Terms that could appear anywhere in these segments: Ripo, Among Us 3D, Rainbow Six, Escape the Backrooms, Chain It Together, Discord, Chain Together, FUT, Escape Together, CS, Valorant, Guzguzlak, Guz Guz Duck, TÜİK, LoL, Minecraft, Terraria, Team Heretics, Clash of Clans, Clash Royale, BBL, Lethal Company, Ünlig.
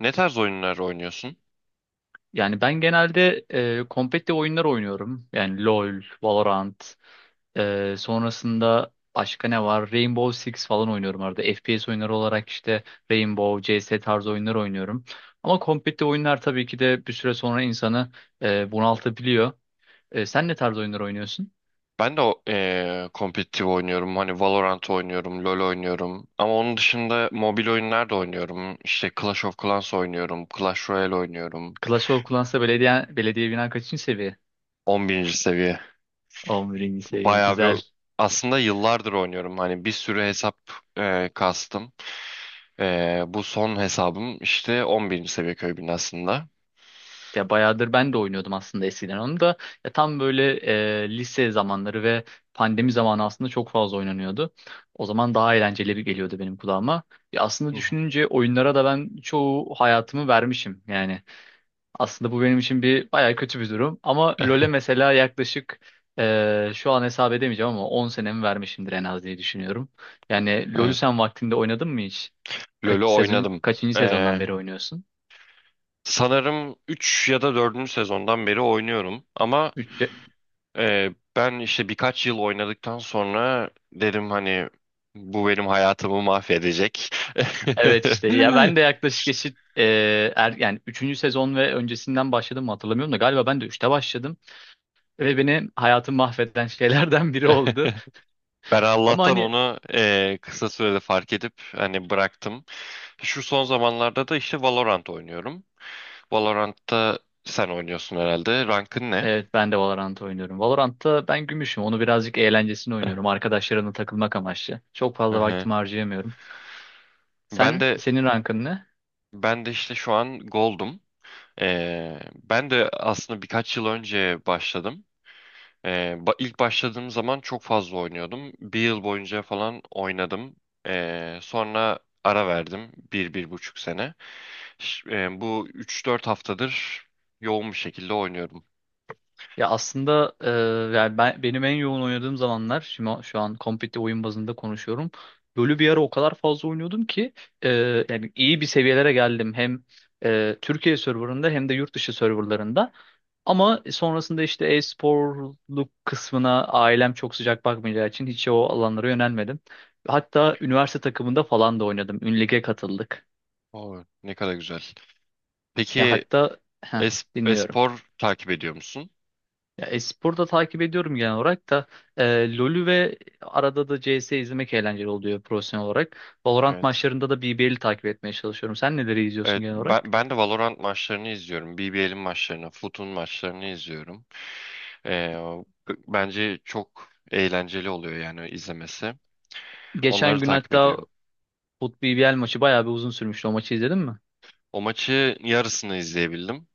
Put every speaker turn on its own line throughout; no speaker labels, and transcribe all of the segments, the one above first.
Ne tarz oyunlar oynuyorsun?
Yani ben genelde kompetitif oyunlar oynuyorum. Yani LoL, Valorant, sonrasında başka ne var? Rainbow Six falan oynuyorum arada. FPS oyunları olarak işte Rainbow, CS tarzı oyunlar oynuyorum. Ama kompetitif oyunlar tabii ki de bir süre sonra insanı bunaltabiliyor. Sen ne tarz oyunlar oynuyorsun?
Ben de kompetitif oynuyorum. Hani Valorant oynuyorum, LoL oynuyorum. Ama onun dışında mobil oyunlar da oynuyorum. İşte Clash of Clans oynuyorum, Clash Royale oynuyorum.
Clash of Clans'ta belediye binan kaçıncı seviye?
11. seviye.
11. seviye.
Bayağı bir,
Güzel.
aslında yıllardır oynuyorum. Hani bir sürü hesap kastım. Bu son hesabım işte 11. seviye köy binasında.
Ya bayağıdır ben de oynuyordum aslında eskiden onu da. Ya tam böyle lise zamanları ve pandemi zamanı aslında çok fazla oynanıyordu. O zaman daha eğlenceli bir geliyordu benim kulağıma. Ya aslında
Hı hı.
düşününce oyunlara da ben çoğu hayatımı vermişim yani. Aslında bu benim için bir bayağı kötü bir durum. Ama LoL'e mesela yaklaşık şu an hesap edemeyeceğim ama 10 senemi vermişimdir en az diye düşünüyorum. Yani LoL'ü
Evet.
sen vaktinde oynadın mı hiç?
LoL'ü
Kaç sezon,
oynadım.
kaçıncı sezondan
Ee,
beri oynuyorsun?
Sanırım 3 ya da dördüncü sezondan beri oynuyorum. Ama
Üç.
Ben işte birkaç yıl oynadıktan sonra dedim hani bu benim hayatımı mahvedecek.
Evet işte ya ben de yaklaşık eşit yani üçüncü sezon ve öncesinden başladım mı hatırlamıyorum da galiba ben de üçte başladım ve beni hayatım mahveden şeylerden biri oldu.
Ben
Ama
Allah'tan
hani.
onu kısa sürede fark edip hani bıraktım. Şu son zamanlarda da işte Valorant oynuyorum. Valorant'ta sen oynuyorsun herhalde. Rankın ne?
Evet, ben de Valorant oynuyorum. Valorant'ta ben gümüşüm. Onu birazcık eğlencesine
Eh,
oynuyorum. Arkadaşlarımla takılmak amaçlı. Çok
Hı
fazla
hı.
vaktimi harcayamıyorum.
Ben
Sen
de
senin rankın ne?
ben de işte şu an Gold'um. Ben de aslında birkaç yıl önce başladım. İlk başladığım zaman çok fazla oynuyordum. Bir yıl boyunca falan oynadım. Sonra ara verdim. Bir, bir buçuk sene. Bu 3-4 haftadır yoğun bir şekilde oynuyorum.
Ya aslında yani benim en yoğun oynadığım zamanlar şimdi şu an kompetitif oyun bazında konuşuyorum. LoL'ü bir ara o kadar fazla oynuyordum ki yani iyi bir seviyelere geldim hem Türkiye serverında hem de yurt dışı serverlarında. Ama sonrasında işte e-sporluk kısmına ailem çok sıcak bakmayacağı için hiç o alanlara yönelmedim. Hatta üniversite takımında falan da oynadım. Ünlig'e katıldık.
Oo, ne kadar güzel.
Ya
Peki
hatta heh, dinliyorum.
espor takip ediyor musun?
Ya e-sporu da takip ediyorum genel olarak da LoL'ü ve arada da CS izlemek eğlenceli oluyor profesyonel olarak. Valorant
Evet.
maçlarında da BBL'i takip etmeye çalışıyorum. Sen neleri izliyorsun
Evet,
genel olarak?
ben de Valorant maçlarını izliyorum. BBL'in maçlarını, FUT'un maçlarını izliyorum. Ee, Bence çok eğlenceli oluyor yani izlemesi. Onları
Geçen gün
takip
hatta
ediyorum.
FUT BBL maçı bayağı bir uzun sürmüştü. O maçı izledin mi?
O maçı yarısını izleyebildim.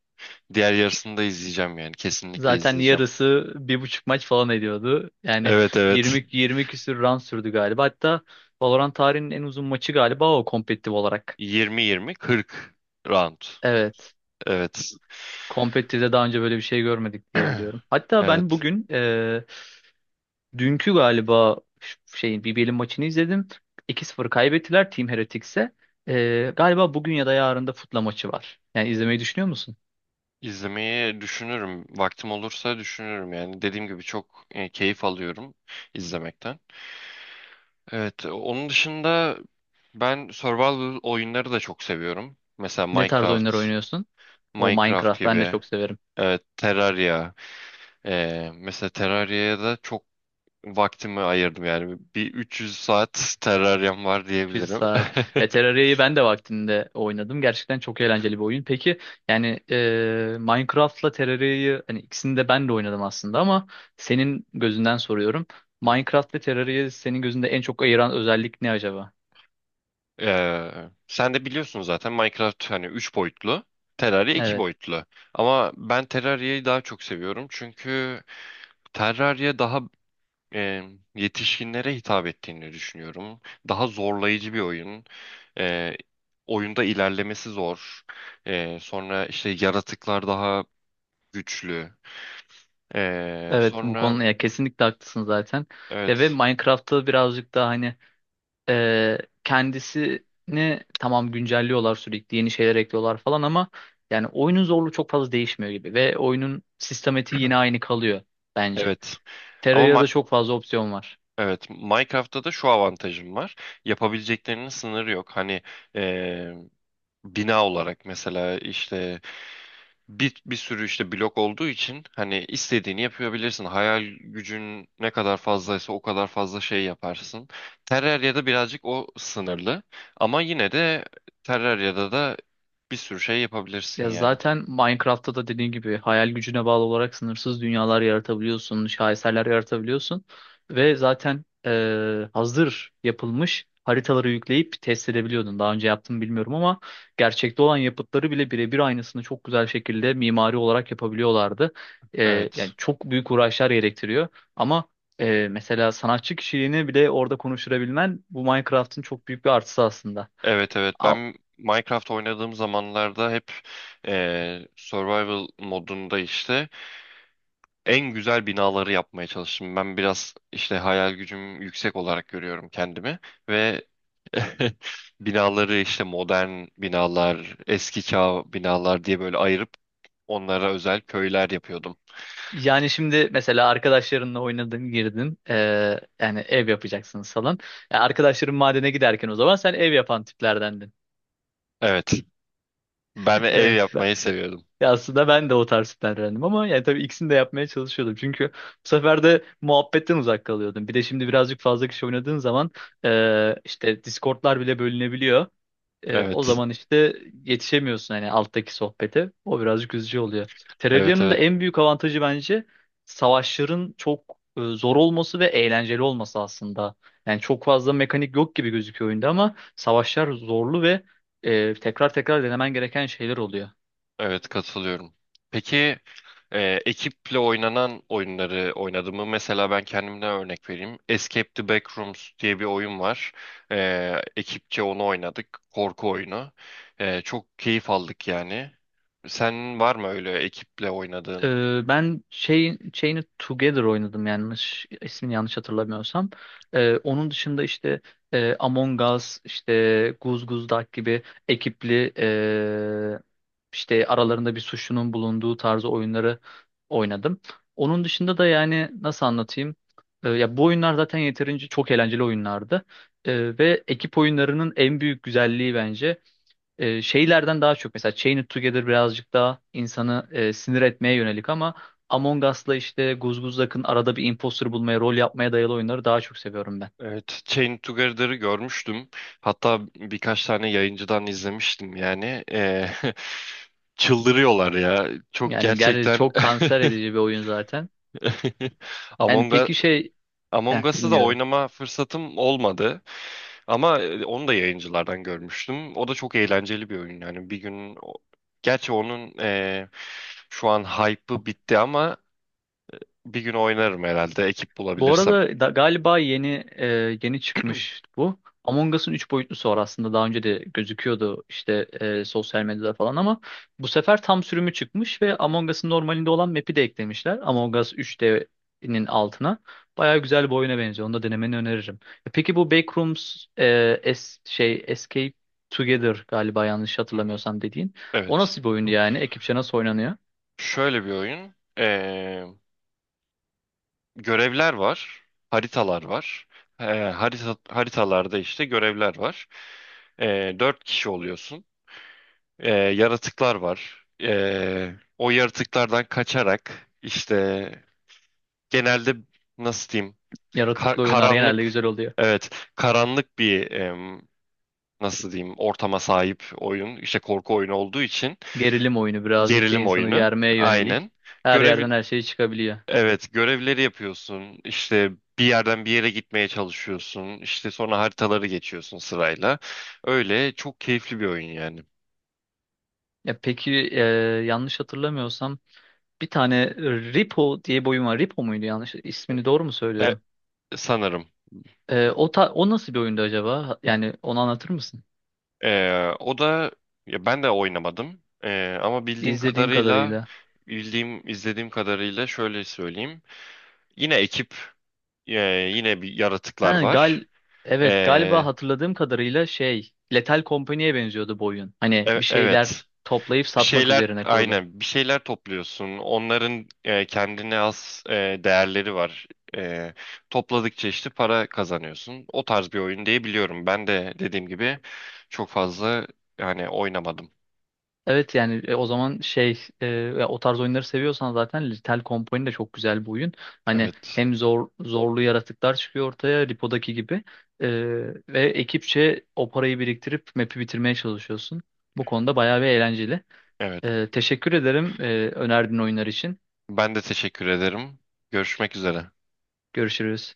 Diğer yarısını da izleyeceğim yani. Kesinlikle
Zaten
izleyeceğim.
yarısı bir buçuk maç falan ediyordu. Yani
Evet, evet.
20 20 küsür round sürdü galiba. Hatta Valorant tarihinin en uzun maçı galiba o kompetitif olarak.
20-20, 40 round.
Evet.
Evet.
Kompetitif'te daha önce böyle bir şey görmedik diye biliyorum. Hatta ben
Evet.
bugün, dünkü galiba şeyin BBL'in maçını izledim. 2-0 kaybettiler Team Heretics'e. Galiba bugün ya da yarın da Foot'la maçı var. Yani izlemeyi düşünüyor musun?
İzlemeyi düşünürüm. Vaktim olursa düşünürüm yani. Dediğim gibi çok keyif alıyorum izlemekten. Evet. Onun dışında ben survival oyunları da çok seviyorum. Mesela
Ne tarz oyunlar
Minecraft,
oynuyorsun? O
Minecraft
Minecraft ben de
gibi.
çok severim.
Evet, Terraria. Mesela Terraria'ya da çok vaktimi ayırdım yani. Bir 300 saat Terraria'm var
100
diyebilirim.
saat. Ya Terraria'yı ben de vaktinde oynadım. Gerçekten çok eğlenceli bir oyun. Peki yani Minecraft'la Terraria'yı hani ikisini de ben de oynadım aslında ama senin gözünden soruyorum. Minecraft ve Terraria'yı senin gözünde en çok ayıran özellik ne acaba?
Ee, Sen de biliyorsun zaten Minecraft hani 3 boyutlu, Terraria iki
Evet.
boyutlu. Ama ben Terraria'yı daha çok seviyorum çünkü Terraria daha e, yetişkinlere hitap ettiğini düşünüyorum. Daha zorlayıcı bir oyun. Ee, Oyunda ilerlemesi zor. Sonra işte yaratıklar daha güçlü.
Evet, bu
Sonra
konuda ya kesinlikle haklısın zaten. Ya ve
evet,
Minecraft'ta birazcık daha hani e, kendisini tamam güncelliyorlar, sürekli yeni şeyler ekliyorlar falan ama yani oyunun zorluğu çok fazla değişmiyor gibi ve oyunun sistematiği yine aynı kalıyor bence.
evet. Ama Ma-
Terraria'da çok fazla opsiyon var.
Evet, Minecraft'ta da şu avantajım var. Yapabileceklerinin sınırı yok. Hani eee, bina olarak mesela işte bir sürü işte blok olduğu için hani istediğini yapabilirsin. Hayal gücün ne kadar fazlaysa o kadar fazla şey yaparsın. Terraria'da birazcık o sınırlı. Ama yine de Terraria'da da bir sürü şey yapabilirsin
Ya
yani.
zaten Minecraft'ta da dediğin gibi hayal gücüne bağlı olarak sınırsız dünyalar yaratabiliyorsun, şaheserler yaratabiliyorsun ve zaten hazır yapılmış haritaları yükleyip test edebiliyordun. Daha önce yaptım bilmiyorum ama gerçekte olan yapıtları bile birebir aynısını çok güzel şekilde mimari olarak yapabiliyorlardı. Yani
Evet.
çok büyük uğraşlar gerektiriyor ama mesela sanatçı kişiliğini bile orada konuşturabilmen bu Minecraft'ın çok büyük bir artısı aslında.
Evet, evet, ben Minecraft oynadığım zamanlarda hep survival modunda işte en güzel binaları yapmaya çalıştım. Ben biraz işte hayal gücüm yüksek olarak görüyorum kendimi ve binaları işte modern binalar, eski çağ binalar diye böyle ayırıp onlara özel köyler yapıyordum.
Yani şimdi mesela arkadaşlarınla oynadın, girdin. Yani ev yapacaksınız falan. Yani arkadaşların madene giderken o zaman sen ev yapan tiplerdendin.
Evet. Ben ev
Evet.
yapmayı seviyordum.
Ya aslında ben de o tarz tiplerdendim ama yani tabii ikisini de yapmaya çalışıyordum. Çünkü bu sefer de muhabbetten uzak kalıyordum. Bir de şimdi birazcık fazla kişi oynadığın zaman işte Discord'lar bile bölünebiliyor. O
Evet.
zaman işte yetişemiyorsun hani alttaki sohbete. O birazcık üzücü oluyor.
Evet,
Terraria'nın da
evet.
en büyük avantajı bence savaşların çok zor olması ve eğlenceli olması aslında. Yani çok fazla mekanik yok gibi gözüküyor oyunda ama savaşlar zorlu ve tekrar tekrar denemen gereken şeyler oluyor.
Evet, katılıyorum. Peki, e, ekiple oynanan oyunları oynadım mı? Mesela ben kendimden örnek vereyim. Escape the Backrooms diye bir oyun var. Ekipçe onu oynadık. Korku oyunu. Çok keyif aldık yani. Sen var mı öyle ekiple oynadığın?
Ben şeyini Together oynadım, yanlış hatırlamıyorsam. Onun dışında işte Among Us, işte Guz Guz Duck gibi ekipli, işte aralarında bir suçlunun bulunduğu tarzı oyunları oynadım. Onun dışında da yani nasıl anlatayım? Ya bu oyunlar zaten yeterince çok eğlenceli oyunlardı. Ve ekip oyunlarının en büyük güzelliği bence şeylerden daha çok, mesela Chain It Together birazcık daha insanı sinir etmeye yönelik ama Among Us'la işte Guzguzlak'ın arada bir imposter bulmaya, rol yapmaya dayalı oyunları daha çok seviyorum ben.
Evet, Chain Together'ı görmüştüm. Hatta birkaç tane yayıncıdan izlemiştim yani. Çıldırıyorlar ya. Çok
Yani gerçi
gerçekten.
çok kanser edici bir oyun zaten. Yani
Among
peki şey...
Among Us'ı da
Dinliyorum.
oynama fırsatım olmadı ama onu da yayıncılardan görmüştüm. O da çok eğlenceli bir oyun yani. Bir gün gerçi onun şu an hype'ı bitti ama bir gün oynarım herhalde ekip
Bu
bulabilirsem.
arada da, galiba e, yeni çıkmış bu. Among Us'ın 3 boyutlusu var aslında, daha önce de gözüküyordu işte sosyal medyada falan ama bu sefer tam sürümü çıkmış ve Among Us'ın normalinde olan map'i de eklemişler. Among Us 3D'nin altına. Baya güzel bir oyuna benziyor. Onu da denemeni öneririm. Peki bu Backrooms, e, es, şey Escape Together galiba, yanlış
Hı hı.
hatırlamıyorsam, dediğin. O
Evet.
nasıl bir oyun yani? Ekipçe nasıl oynanıyor?
Şöyle bir oyun. Görevler var, haritalar var. Haritalarda işte görevler var. Dört kişi oluyorsun. Yaratıklar var. O yaratıklardan kaçarak işte, genelde, nasıl diyeyim,
Yaratıklı oyunlar genelde
karanlık,
güzel.
evet, karanlık bir, nasıl diyeyim, ortama sahip oyun işte, korku oyunu olduğu için.
Gerilim oyunu birazcık da
Gerilim
insanı
oyunu,
germeye yönelik.
aynen.
Her
görev
yerden her şey çıkabiliyor.
Evet, görevleri yapıyorsun. İşte bir yerden bir yere gitmeye çalışıyorsun. İşte sonra haritaları geçiyorsun sırayla. Öyle çok keyifli bir oyun yani.
Ya peki yanlış hatırlamıyorsam bir tane Ripo diye bir oyun var. Ripo muydu yanlış? İsmini doğru mu
E,
söylüyorum?
Sanırım.
O nasıl bir oyundu acaba? Yani onu anlatır mısın?
O da, ya ben de oynamadım. Ama
İzlediğin kadarıyla.
bildiğim izlediğim kadarıyla şöyle söyleyeyim. Yine ekip e, Yine, bir yaratıklar
Ha,
var.
evet,
E,
galiba hatırladığım kadarıyla şey Lethal Company'ye benziyordu bu oyun. Hani bir şeyler
evet.
toplayıp
Bir
satmak
şeyler,
üzerine kurulu.
aynen, bir şeyler topluyorsun. Onların kendine has değerleri var. E, Topladıkça işte para kazanıyorsun. O tarz bir oyun diye biliyorum. Ben de dediğim gibi çok fazla yani oynamadım.
Evet yani o zaman ya o tarz oyunları seviyorsan zaten Lethal Company de çok güzel bir oyun. Hani
Evet.
hem zorlu yaratıklar çıkıyor ortaya Lipo'daki gibi. E, Ve ekipçe o parayı biriktirip map'i bitirmeye çalışıyorsun. Bu konuda bayağı bir eğlenceli.
Evet.
Teşekkür ederim önerdiğin oyunlar için.
Ben de teşekkür ederim. Görüşmek üzere.
Görüşürüz.